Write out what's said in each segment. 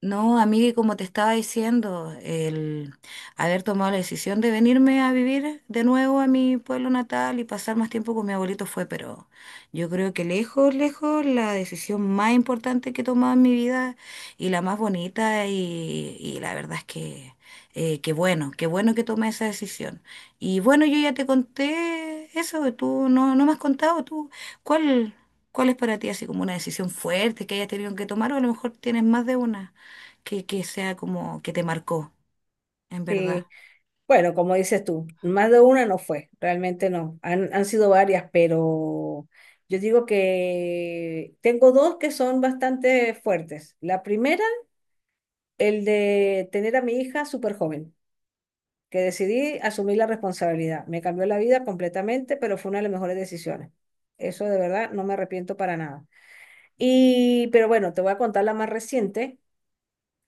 No, amiga, y como te estaba diciendo, el haber tomado la decisión de venirme a vivir de nuevo a mi pueblo natal y pasar más tiempo con mi abuelito fue, pero yo creo que lejos, lejos, la decisión más importante que he tomado en mi vida y la más bonita y la verdad es que qué bueno que tomé esa decisión. Y bueno, yo ya te conté eso, tú no me has contado, tú, ¿cuál, ¿cuál es para ti así como una decisión fuerte que hayas tenido que tomar o a lo mejor tienes más de una? Que sea como que te marcó, en verdad. Sí, bueno, como dices tú, más de una no fue, realmente no, han sido varias, pero yo digo que tengo dos que son bastante fuertes. La primera, el de tener a mi hija súper joven, que decidí asumir la responsabilidad. Me cambió la vida completamente, pero fue una de las mejores decisiones. Eso de verdad no me arrepiento para nada. Y, pero bueno, te voy a contar la más reciente,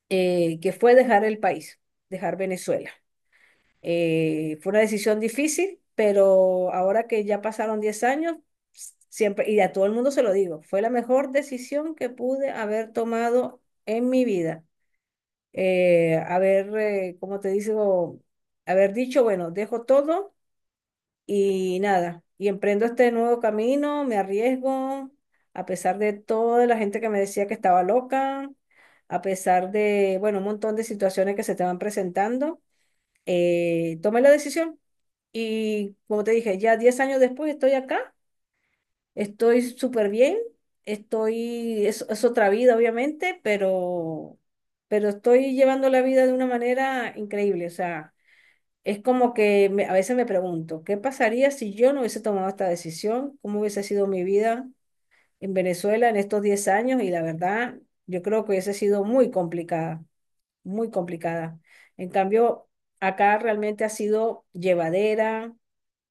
que fue dejar el país, dejar Venezuela. Fue una decisión difícil, pero ahora que ya pasaron 10 años, siempre, y a todo el mundo se lo digo, fue la mejor decisión que pude haber tomado en mi vida. Como te digo, haber dicho, bueno, dejo todo y nada, y emprendo este nuevo camino, me arriesgo, a pesar de toda la gente que me decía que estaba loca, a pesar de, bueno, un montón de situaciones que se estaban presentando, tomé la decisión y como te dije, ya 10 años después estoy acá, estoy súper bien, estoy, es otra vida obviamente, pero estoy llevando la vida de una manera increíble. O sea, es como que a veces me pregunto, ¿qué pasaría si yo no hubiese tomado esta decisión? ¿Cómo hubiese sido mi vida en Venezuela en estos 10 años? Y la verdad, yo creo que hubiese sido muy complicada, muy complicada. En cambio, acá realmente ha sido llevadera.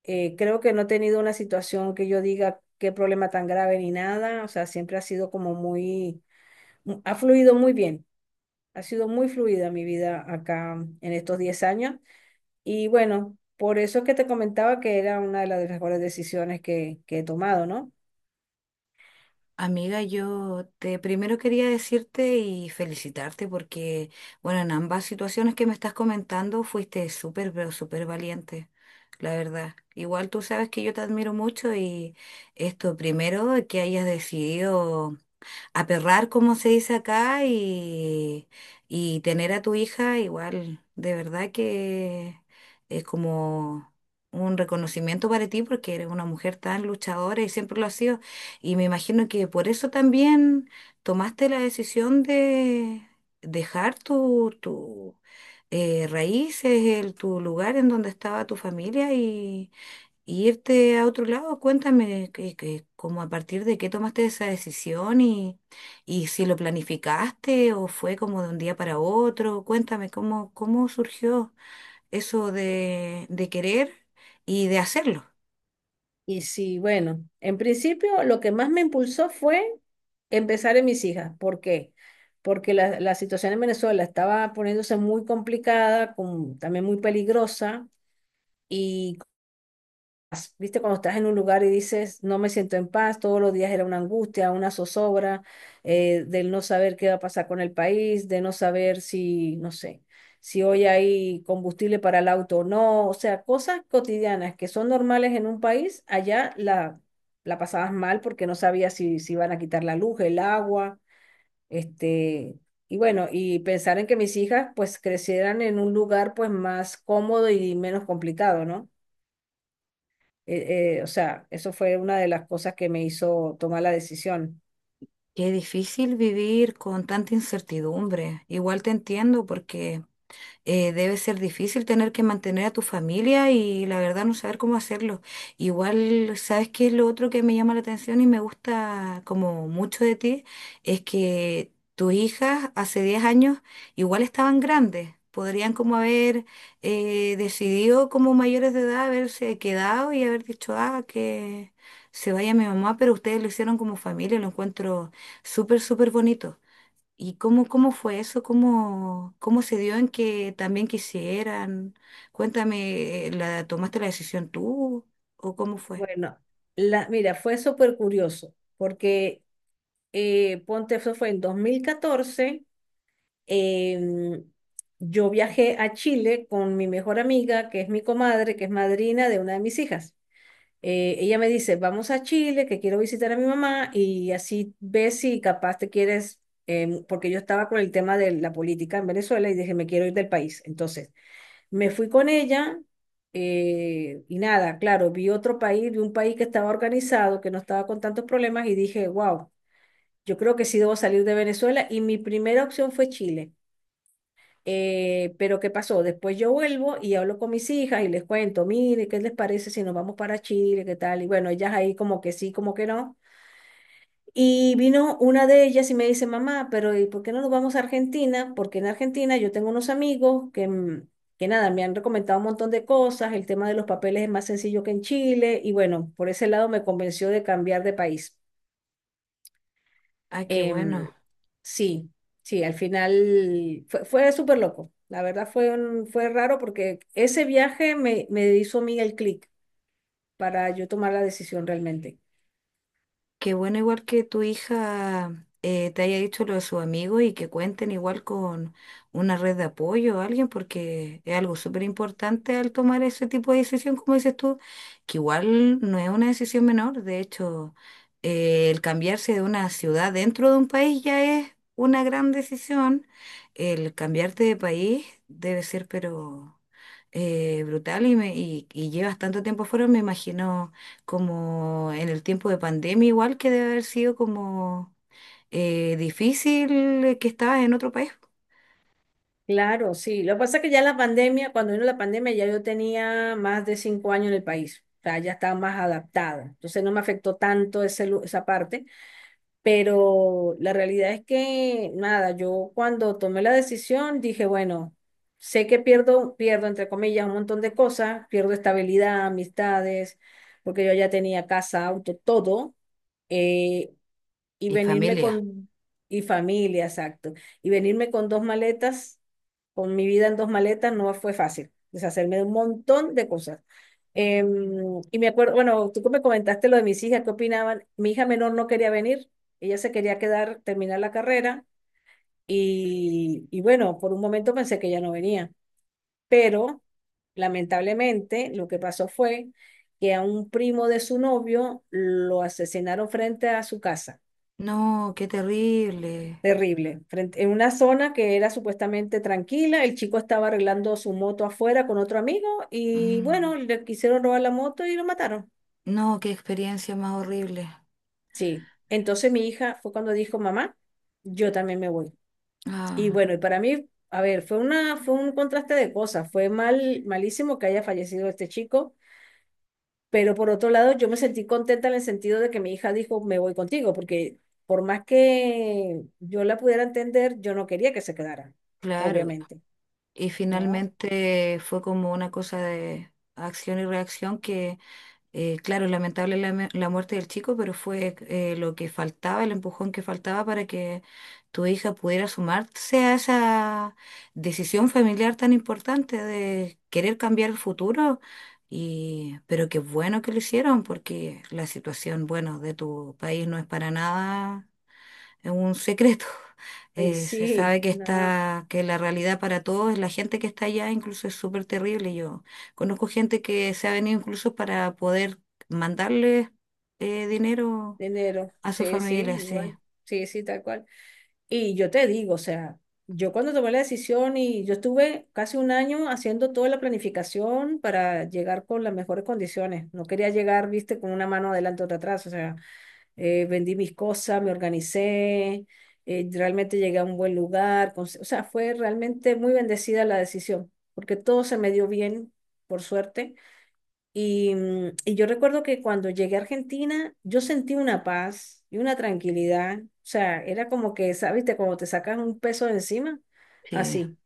Creo que no he tenido una situación que yo diga qué problema tan grave ni nada, o sea, siempre ha sido como muy, ha fluido muy bien, ha sido muy fluida mi vida acá en estos 10 años y bueno, por eso es que te comentaba que era una de las mejores decisiones que he tomado, ¿no? Amiga, yo te primero quería decirte y felicitarte porque, bueno, en ambas situaciones que me estás comentando fuiste súper, pero súper valiente, la verdad. Igual tú sabes que yo te admiro mucho y esto primero que hayas decidido aperrar, como se dice acá, y tener a tu hija igual, de verdad que es como un reconocimiento para ti porque eres una mujer tan luchadora y siempre lo has sido. Y me imagino que por eso también tomaste la decisión de dejar tu, raíces, el, tu lugar en donde estaba tu familia y irte a otro lado, cuéntame como a partir de qué tomaste esa decisión, y si lo planificaste o fue como de un día para otro, cuéntame cómo, cómo surgió eso de querer y de hacerlo. Y sí, bueno, en principio lo que más me impulsó fue empezar en mis hijas, ¿por qué? Porque la situación en Venezuela estaba poniéndose muy complicada, también muy peligrosa. Y paz. ¿Viste? Cuando estás en un lugar y dices, no me siento en paz, todos los días era una angustia, una zozobra, del no saber qué va a pasar con el país, de no saber si, no sé, si hoy hay combustible para el auto o no. O sea, cosas cotidianas que son normales en un país, allá la pasabas mal porque no sabías si, si iban a quitar la luz, el agua, este... Y bueno, y pensar en que mis hijas pues crecieran en un lugar pues más cómodo y menos complicado, ¿no? O sea, eso fue una de las cosas que me hizo tomar la decisión. Qué difícil vivir con tanta incertidumbre. Igual te entiendo porque debe ser difícil tener que mantener a tu familia y la verdad no saber cómo hacerlo. Igual, ¿sabes qué es lo otro que me llama la atención y me gusta como mucho de ti? Es que tus hijas hace 10 años igual estaban grandes. Podrían como haber decidido como mayores de edad haberse quedado y haber dicho, ah, que se vaya mi mamá, pero ustedes lo hicieron como familia, lo encuentro súper, súper bonito. ¿Y cómo, cómo fue eso? ¿Cómo, cómo se dio en que también quisieran? Cuéntame, ¿la tomaste la decisión tú o cómo fue? Bueno, la, mira, fue súper curioso, porque ponte, eso fue en 2014. em, yo viajé a Chile con mi mejor amiga, que es mi comadre, que es madrina de una de mis hijas. Ella me dice, vamos a Chile, que quiero visitar a mi mamá y así ves si capaz te quieres, porque yo estaba con el tema de la política en Venezuela y dije, me quiero ir del país. Entonces, me fui con ella, y nada, claro, vi otro país, vi un país que estaba organizado, que no estaba con tantos problemas y dije, wow, yo creo que sí debo salir de Venezuela y mi primera opción fue Chile. Pero ¿qué pasó? Después yo vuelvo y hablo con mis hijas y les cuento, mire, ¿qué les parece si nos vamos para Chile? ¿Qué tal? Y bueno, ellas ahí como que sí, como que no. Y vino una de ellas y me dice, mamá, pero ¿y por qué no nos vamos a Argentina? Porque en Argentina yo tengo unos amigos que, que nada, me han recomendado un montón de cosas, el tema de los papeles es más sencillo que en Chile, y bueno, por ese lado me convenció de cambiar de país. Ay, qué bueno. Em, sí, sí, al final fue, fue súper loco. La verdad fue, fue raro porque ese viaje me hizo a mí el clic para yo tomar la decisión realmente. Qué bueno igual que tu hija te haya dicho lo de sus amigos y que cuenten igual con una red de apoyo o alguien, porque es algo súper importante al tomar ese tipo de decisión, como dices tú, que igual no es una decisión menor. De hecho, el cambiarse de una ciudad dentro de un país ya es una gran decisión. El cambiarte de país debe ser, pero brutal y, y llevas tanto tiempo fuera, me imagino como en el tiempo de pandemia, igual que debe haber sido como difícil, que estabas en otro país Claro, sí. Lo que pasa es que ya la pandemia, cuando vino la pandemia, ya yo tenía más de 5 años en el país. O sea, ya estaba más adaptada. Entonces no me afectó tanto ese, esa parte. Pero la realidad es que, nada, yo cuando tomé la decisión dije, bueno, sé que pierdo, pierdo, entre comillas, un montón de cosas. Pierdo estabilidad, amistades, porque yo ya tenía casa, auto, todo. eh, y y venirme familia. con, y familia, exacto, y venirme con dos maletas, con mi vida en dos maletas, no fue fácil, deshacerme de un montón de cosas. Y me acuerdo, bueno, tú que me comentaste lo de mis hijas, ¿qué opinaban? Mi hija menor no quería venir, ella se quería quedar, terminar la carrera, y bueno, por un momento pensé que ella no venía, pero lamentablemente lo que pasó fue que a un primo de su novio lo asesinaron frente a su casa. No, qué terrible. Terrible. Frente, en una zona que era supuestamente tranquila, el chico estaba arreglando su moto afuera con otro amigo y Mm. bueno, le quisieron robar la moto y lo mataron. No, qué experiencia más horrible. Sí. Entonces mi hija fue cuando dijo, mamá, yo también me voy. Y Ah, bueno, y para mí, a ver, fue una, fue un contraste de cosas. Fue mal, malísimo que haya fallecido este chico, pero por otro lado yo me sentí contenta en el sentido de que mi hija dijo, me voy contigo, porque por más que yo la pudiera entender, yo no quería que se quedara, claro. obviamente. Y ¿No? finalmente fue como una cosa de acción y reacción que... claro, lamentable la muerte del chico, pero fue, lo que faltaba, el empujón que faltaba para que tu hija pudiera sumarse a esa decisión familiar tan importante de querer cambiar el futuro. Y pero qué bueno que lo hicieron, porque la situación, bueno, de tu país no es para nada es un secreto. Y se sí, sabe que no, está, que la realidad para todos, la gente que está allá incluso es súper terrible. Yo conozco gente que se ha venido incluso para poder mandarle dinero enero, a su sí, sí, familia, sí. igual, sí, sí, tal cual. Y yo te digo, o sea, yo cuando tomé la decisión y yo estuve casi un año haciendo toda la planificación para llegar con las mejores condiciones. No quería llegar, viste, con una mano adelante otra atrás, o sea, vendí mis cosas, me organicé, realmente llegué a un buen lugar, o sea, fue realmente muy bendecida la decisión, porque todo se me dio bien, por suerte. Y, y yo recuerdo que cuando llegué a Argentina, yo sentí una paz y una tranquilidad. O sea, era como que, sabes te como te sacas un peso de encima, Sí. así,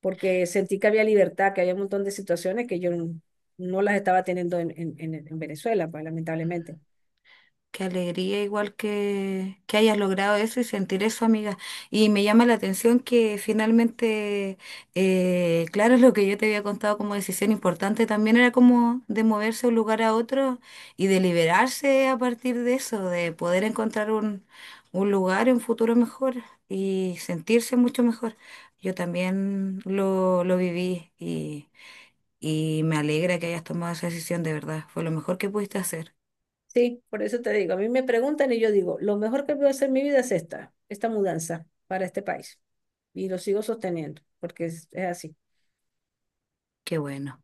porque sentí que había libertad, que había un montón de situaciones que yo no, no las estaba teniendo en Venezuela, pues, lamentablemente. Qué alegría igual que hayas logrado eso y sentir eso, amiga. Y me llama la atención que finalmente, claro, lo que yo te había contado como decisión importante también era como de moverse de un lugar a otro y de liberarse a partir de eso, de poder encontrar un lugar, un futuro mejor y sentirse mucho mejor. Yo también lo viví y me alegra que hayas tomado esa decisión, de verdad. Fue lo mejor que pudiste hacer. Sí, por eso te digo, a mí me preguntan y yo digo, lo mejor que puedo hacer en mi vida es esta, esta mudanza para este país. Y lo sigo sosteniendo, porque es así. Qué bueno.